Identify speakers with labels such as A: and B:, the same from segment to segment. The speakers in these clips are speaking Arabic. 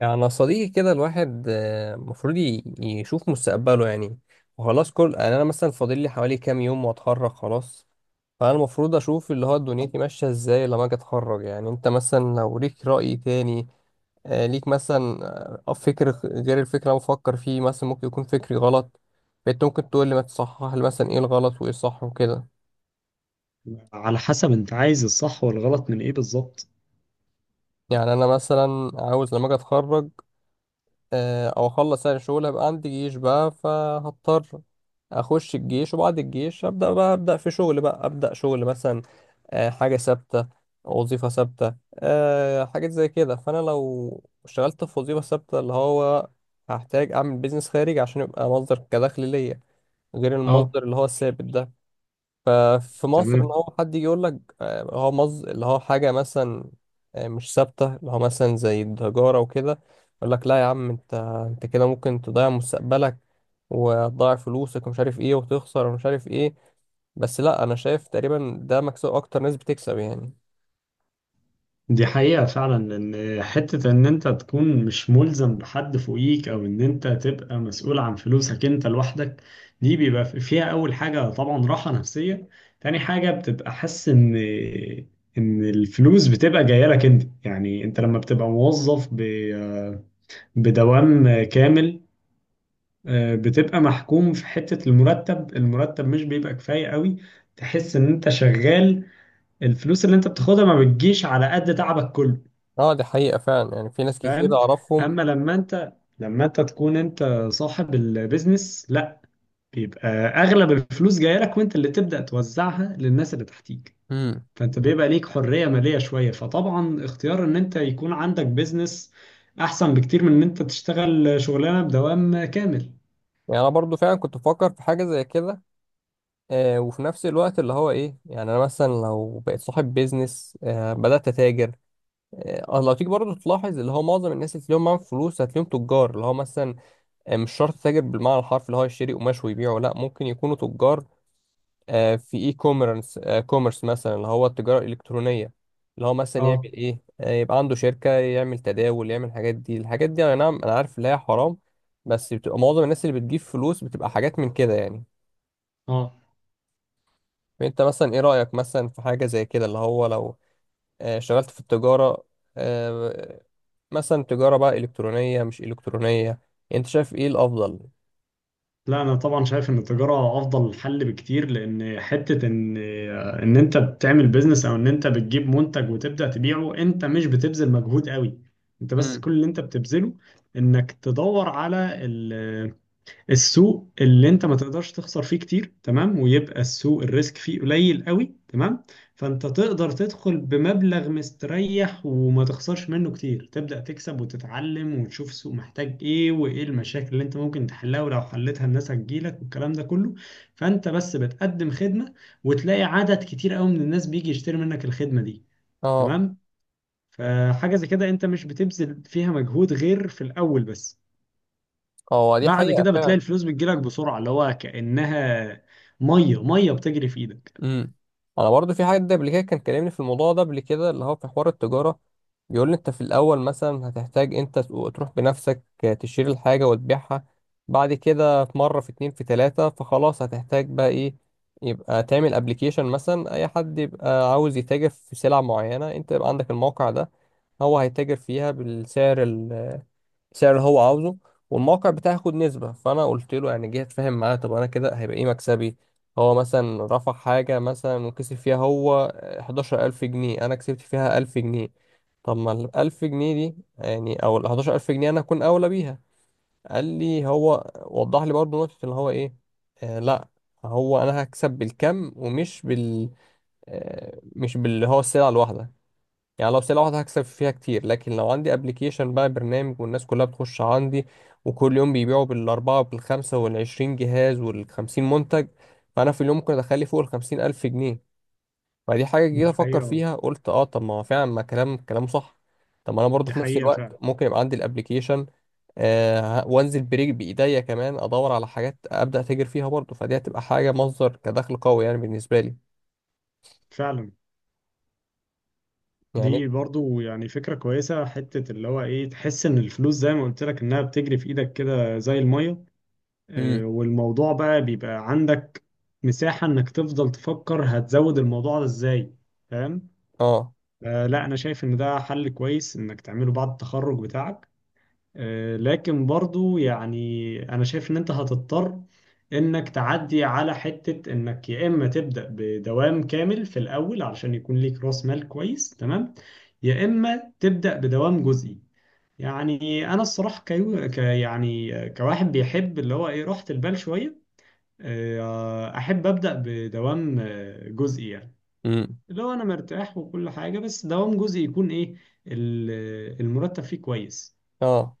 A: يعني صديقي كده الواحد المفروض يشوف مستقبله يعني. وخلاص كل يعني انا مثلا فاضل لي حوالي كام يوم واتخرج خلاص. فانا المفروض اشوف اللي هو دنيتي ماشيه ازاي لما اجي اتخرج. يعني انت مثلا لو ليك رأي تاني آه، ليك مثلا غير الفكر اللي انا بفكر فيه مثلا ممكن يكون فكري غلط. فانت ممكن تقول لي ما تصحح لي مثلا ايه الغلط وايه الصح وكده.
B: على حسب انت عايز الصح والغلط من ايه بالظبط؟
A: يعني انا مثلا عاوز لما اجي اتخرج او اخلص يعني شغل هيبقى عندي جيش بقى فهضطر اخش الجيش، وبعد الجيش ابدا بقى ابدا في شغل بقى ابدا شغل مثلا، حاجه ثابته، وظيفه ثابته، حاجات زي كده. فانا لو اشتغلت في وظيفه ثابته اللي هو هحتاج اعمل بيزنس خارجي عشان يبقى مصدر كدخل ليا، غير
B: اه،
A: المصدر اللي هو الثابت ده في مصر. ان
B: تمام.
A: هو حد يجي يقول لك هو مز اللي هو حاجه مثلا مش ثابته، اللي هو مثلا زي التجاره وكده، يقول لك لا يا عم، انت كده ممكن تضيع مستقبلك وتضيع فلوسك ومش عارف ايه وتخسر ومش عارف ايه. بس لا، انا شايف تقريبا ده مكسب، اكتر ناس بتكسب يعني.
B: دي حقيقة فعلا، ان حتة ان انت تكون مش ملزم بحد فوقيك او ان انت تبقى مسؤول عن فلوسك انت لوحدك، دي بيبقى فيها اول حاجة طبعا راحة نفسية. تاني حاجة بتبقى حاسس ان الفلوس بتبقى جاية لك انت. يعني انت لما بتبقى موظف بدوام كامل، بتبقى محكوم في حتة المرتب. المرتب مش بيبقى كفاية قوي، تحس ان انت شغال، الفلوس اللي انت بتاخدها ما بتجيش على قد تعبك كله.
A: اه، دي حقيقه فعلا، يعني في ناس كتير
B: فاهم.
A: اعرفهم.
B: اما لما انت تكون انت صاحب البيزنس، لا، بيبقى اغلب الفلوس جاية لك، وانت اللي تبدأ توزعها للناس اللي تحتيك.
A: امم
B: فانت بيبقى ليك حرية مالية شوية، فطبعا اختيار ان انت يكون عندك بيزنس احسن بكتير من ان انت تشتغل شغلانة بدوام كامل.
A: يعني انا برضو فعلا كنت بفكر في حاجه زي كده، آه، وفي نفس الوقت اللي هو ايه، يعني انا مثلا لو بقيت صاحب بيزنس آه بدات اتاجر. اه لو تيجي برضه تلاحظ اللي هو معظم الناس اللي تلاقيهم معاهم فلوس هتلاقيهم تجار، اللي هو مثلا مش شرط تاجر بالمعنى الحرفي اللي هو يشتري قماش ويبيعه، لا، ممكن يكونوا تجار في اي كوميرس، كوميرس مثلا اللي هو التجارة الإلكترونية، اللي هو مثلا يعمل
B: اه.
A: ايه يبقى عنده شركة يعمل تداول يعمل الحاجات دي. الحاجات دي انا نعم انا عارف ان هي حرام، بس بتبقى معظم الناس اللي بتجيب فلوس بتبقى حاجات من كده يعني.
B: اه،
A: فانت مثلا ايه رأيك مثلا في حاجة زي كده، اللي هو لو اشتغلت في التجارة، آه، مثلا تجارة بقى إلكترونية مش إلكترونية، أنت شايف إيه الأفضل؟
B: لا انا طبعا شايف ان التجاره افضل حل بكتير، لان حته ان انت بتعمل بيزنس او ان انت بتجيب منتج وتبدا تبيعه، انت مش بتبذل مجهود قوي. انت بس
A: امم
B: كل اللي انت بتبذله، انك تدور على السوق اللي انت ما تقدرش تخسر فيه كتير، تمام، ويبقى السوق الريسك فيه قليل قوي، تمام. فانت تقدر تدخل بمبلغ مستريح وما تخسرش منه كتير، تبدأ تكسب وتتعلم وتشوف السوق محتاج ايه وايه المشاكل اللي انت ممكن تحلها، ولو حلتها الناس هتجيلك والكلام ده كله. فانت بس بتقدم خدمة، وتلاقي عدد كتير قوي من الناس بيجي يشتري منك الخدمة دي.
A: أه،
B: تمام. فحاجة زي كده انت مش بتبذل فيها مجهود غير في الأول بس.
A: هو دي
B: بعد
A: حقيقة
B: كده بتلاقي
A: فعلا.
B: الفلوس بتجيلك بسرعة، اللي هو كأنها مية مية بتجري في ايدك.
A: أمم أنا برضو في حد قبل كده كان كلمني في الموضوع ده قبل كده، اللي هو في حوار التجارة. بيقول لي أنت في الأول مثلا هتحتاج أنت تروح بنفسك تشتري الحاجة وتبيعها. بعد كده في مرة، في اتنين، في تلاتة، فخلاص هتحتاج بقى إيه؟ يبقى تعمل أبليكيشن مثلا، أي حد يبقى عاوز يتاجر في سلع معينة أنت يبقى عندك الموقع ده، هو هيتاجر فيها بالسعر، سعر اللي هو عاوزه، والموقع بتاعي هياخد نسبة. فأنا قلت له يعني جه أتفاهم معاه، طب أنا كده هيبقى إيه مكسبي؟ هو مثلا رفع حاجة مثلا وكسب فيها هو 11 ألف جنيه، أنا كسبت فيها 1000 جنيه. طب ما الـ1000 جنيه دي يعني أو الـ11 ألف جنيه أنا أكون أولى بيها. قال لي هو، وضح لي برضه نقطة اللي هو إيه، آه لأ، هو أنا هكسب بالكم ومش بال، آه، مش باللي هو السلعة الواحدة. يعني لو بسلة واحدة هكسب فيها كتير، لكن لو عندي ابلكيشن بقى برنامج والناس كلها بتخش عندي وكل يوم بيبيعوا بالأربعة وبالخمسة والعشرين جهاز والخمسين منتج، فأنا في اليوم ممكن أدخلي فوق الـ50 ألف جنيه. فدي حاجة جيت
B: دي
A: أفكر
B: حقيقة.
A: فيها قلت أه، طب ما هو فعلا ما كلامه صح. طب ما أنا برضو
B: دي
A: في نفس
B: حقيقة فعلا.
A: الوقت ممكن يبقى عندي الابلكيشن، آه، وانزل بريك بإيديا كمان أدور على حاجات أبدأ أتاجر فيها برضو، فدي هتبقى حاجة مصدر كدخل قوي يعني بالنسبة لي.
B: فعلا.
A: يعني.
B: دي برضو يعني فكرة كويسة، حتة اللي هو ايه، تحس ان الفلوس زي ما قلت لك انها بتجري في ايدك كده زي المية.
A: امم
B: والموضوع بقى بيبقى عندك مساحة انك تفضل تفكر هتزود الموضوع ده ازاي. فاهم.
A: اه.
B: لا انا شايف ان ده حل كويس انك تعمله بعد التخرج بتاعك. لكن برضو يعني انا شايف ان انت هتضطر انك تعدي على حتة انك يا اما تبدأ بدوام كامل في الاول علشان يكون ليك راس مال كويس، تمام، يا اما تبدأ بدوام جزئي. يعني انا الصراحة كيو ك يعني كواحد بيحب اللي هو ايه راحة البال شوية، احب أبدأ بدوام جزئي يعني.
A: امم
B: اللي هو انا مرتاح وكل حاجة، بس دوام جزئي يكون ايه، المرتب فيه كويس،
A: اه،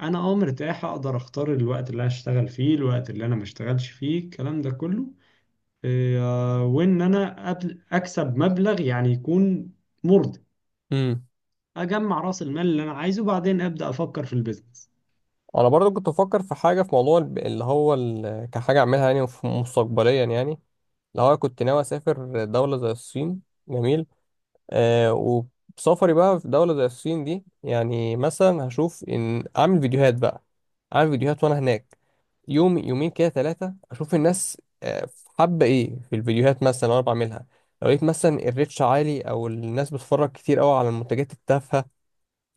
B: انا اه مرتاح، اقدر اختار الوقت اللي هشتغل فيه، الوقت اللي انا ما اشتغلش فيه، الكلام ده كله. إيه، وان انا اكسب مبلغ يعني يكون مرضي، اجمع راس المال اللي انا عايزه وبعدين ابدا افكر في البيزنس.
A: انا برضو كنت بفكر في حاجه في موضوع كحاجه اعملها يعني مستقبليا يعني، اللي هو كنت ناوي اسافر دوله زي الصين. جميل. آه، وسفري بقى في دوله زي الصين دي يعني مثلا هشوف ان اعمل فيديوهات بقى، اعمل فيديوهات وانا هناك يوم يومين كده ثلاثه، اشوف الناس حابه ايه في الفيديوهات مثلا وانا بعملها. لو لقيت مثلا الريتش عالي او الناس بتتفرج كتير قوي على المنتجات التافهه،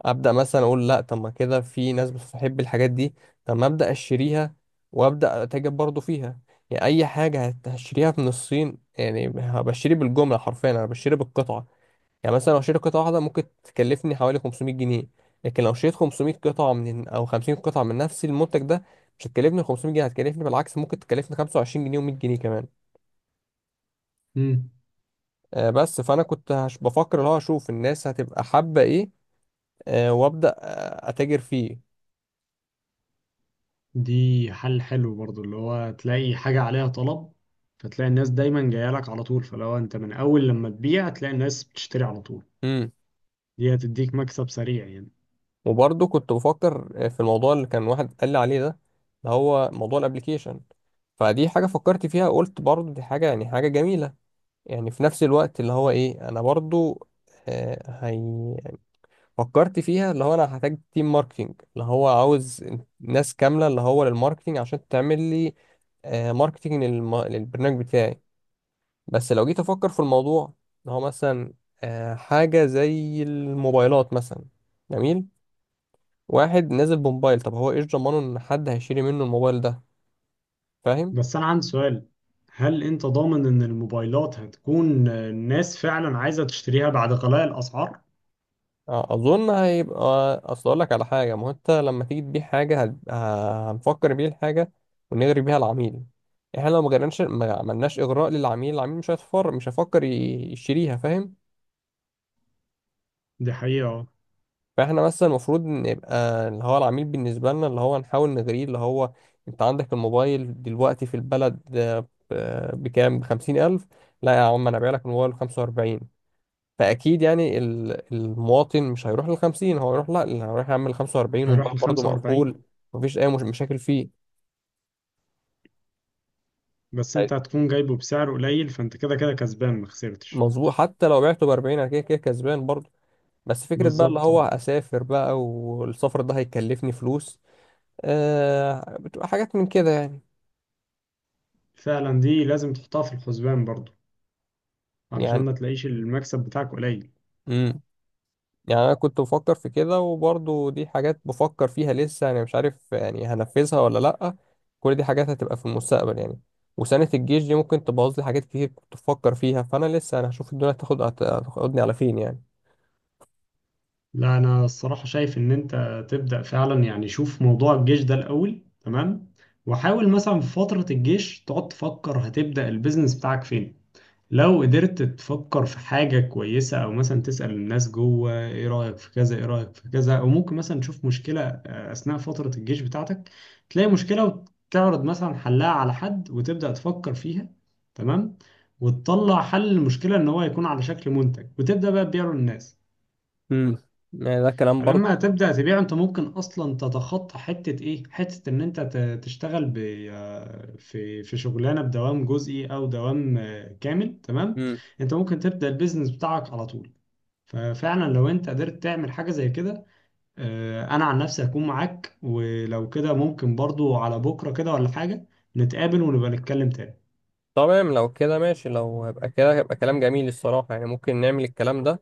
A: ابدا مثلا اقول لا، طب ما كده في ناس بتحب الحاجات دي، طب ما ابدا اشتريها وابدا اتاجر برضو فيها. يعني اي حاجه هشتريها من الصين يعني بشتري بالجمله، حرفيا انا بشتري بالقطعه. يعني مثلا لو اشتري قطعه واحده ممكن تكلفني حوالي 500 جنيه، لكن لو اشتريت 500 قطعه من او 50 قطعه من نفس المنتج ده مش هتكلفني 500 جنيه، هتكلفني بالعكس ممكن تكلفني 25 جنيه و100 جنيه كمان.
B: مم.
A: بس فانا كنت بفكر اللي هو اشوف الناس هتبقى حابه ايه وابدا اتاجر فيه.
B: دي حل حلو برضو، اللي هو تلاقي حاجة عليها طلب، فتلاقي الناس دايما جايه لك على طول، فلو انت من اول لما تبيع تلاقي الناس بتشتري على طول، دي هتديك مكسب سريع يعني.
A: وبرضه كنت بفكر في الموضوع اللي كان واحد قال لي عليه ده، اللي هو موضوع الابليكيشن. فدي حاجة فكرت فيها قلت برضه دي حاجة يعني حاجة جميلة، يعني في نفس الوقت اللي هو ايه، انا برضه آه، هي فكرت فيها، اللي هو انا هحتاج تيم ماركتينج اللي هو عاوز ناس كاملة اللي هو للماركتينج عشان تعمل لي ماركتينج للبرنامج بتاعي. بس لو جيت افكر في الموضوع، اللي هو مثلا حاجة زي الموبايلات مثلا. جميل. واحد نازل بموبايل، طب هو ايش ضمانه ان حد هيشتري منه الموبايل ده؟ فاهم.
B: بس أنا عندي سؤال، هل أنت ضامن إن الموبايلات هتكون الناس فعلا عايزة تشتريها بعد غلاء الأسعار؟
A: اظن هيبقى، اصل اقول لك على حاجه، ما هو انت لما تيجي تبيع حاجه هنفكر بيه الحاجه ونغري بيها العميل. احنا لو ما غرناش ما عملناش اغراء للعميل، العميل مش هيفكر يشتريها، فاهم.
B: دي حقيقة اه.
A: فاحنا مثلا المفروض نبقى اللي هو العميل بالنسبه لنا اللي هو نحاول نغريه، اللي هو انت عندك الموبايل دلوقتي في البلد بكام؟ بـ50 ألف. لا يا عم، انا بايع لك الموبايل بـ45. فاكيد يعني المواطن مش هيروح لل 50، هو هيروح لا، اللي هيروح يعمل 45
B: هيروح
A: وموبايل برضه
B: لخمسة وأربعين.
A: مقفول، مفيش اي مش مشاكل فيه.
B: بس
A: أي.
B: أنت هتكون جايبه بسعر قليل، فأنت كده كده كسبان، مخسرتش.
A: مظبوط، حتى لو بعته ب 40 انا كده كده كسبان برضه. بس فكره بقى اللي
B: بالظبط
A: هو
B: اه.
A: اسافر بقى، والسفر ده هيكلفني فلوس آه، بتبقى حاجات من كده يعني.
B: فعلا، دي لازم تحطها في الحسبان برضو، علشان
A: يعني.
B: ما تلاقيش المكسب بتاعك قليل.
A: مم. يعني انا كنت بفكر في كده، وبرضه دي حاجات بفكر فيها لسه يعني مش عارف يعني هنفذها ولا لأ، كل دي حاجات هتبقى في المستقبل يعني. وسنة الجيش دي ممكن تبوظ لي حاجات كتير كنت بفكر فيها، فانا لسه انا هشوف الدنيا هتاخدني على فين يعني.
B: لا أنا الصراحة شايف إن أنت تبدأ فعلا، يعني شوف موضوع الجيش ده الأول، تمام، وحاول مثلا في فترة الجيش تقعد تفكر هتبدأ البيزنس بتاعك فين. لو قدرت تفكر في حاجة كويسة، أو مثلا تسأل الناس جوه، إيه رأيك في كذا، إيه رأيك في كذا، أو ممكن مثلا تشوف مشكلة أثناء فترة الجيش بتاعتك، تلاقي مشكلة وتعرض مثلا حلها على حد وتبدأ تفكر فيها، تمام، وتطلع حل المشكلة إن هو يكون على شكل منتج وتبدأ بقى تبيعه للناس.
A: امم يعني ده كلام
B: فلما
A: برضه.
B: تبدأ تبيع انت ممكن اصلا تتخطى حتة ايه، حتة ان انت تشتغل في شغلانة بدوام جزئي او دوام كامل، تمام.
A: امم
B: انت ممكن تبدأ البيزنس بتاعك على طول. ففعلا لو انت قدرت تعمل حاجة زي كده، انا عن نفسي هكون معاك. ولو كده ممكن برضو على بكرة كده ولا حاجة، نتقابل ونبقى نتكلم تاني.
A: تمام، لو كده ماشي، لو هيبقى كده هيبقى كلام جميل الصراحة، يعني ممكن نعمل الكلام ده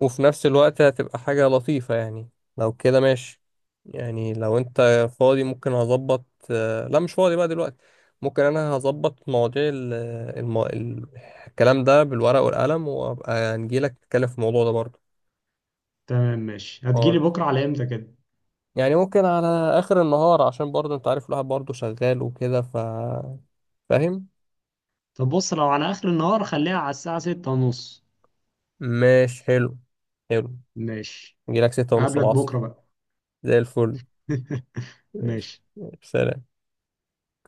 A: وفي نفس الوقت هتبقى حاجة لطيفة يعني. لو كده ماشي، يعني لو انت فاضي ممكن هظبط لا مش فاضي بقى دلوقتي. ممكن انا هظبط مواضيع الم... ال- الكلام ده بالورق والقلم وابقى نجيلك نتكلم في الموضوع ده برضه.
B: تمام ماشي. هتجيلي
A: خالص.
B: بكرة على امتى كده؟
A: يعني ممكن على اخر النهار، عشان برضه انت عارف الواحد برضه شغال وكده ف. فاهم.
B: طب بص، لو على اخر النهار خليها على الساعة 6:30.
A: ماشي، حلو. حلو.
B: ماشي.
A: نجيلك ستة ونص
B: هقابلك
A: العصر.
B: بكرة بقى.
A: زي الفل. ماشي
B: ماشي.
A: ماشي. سلام.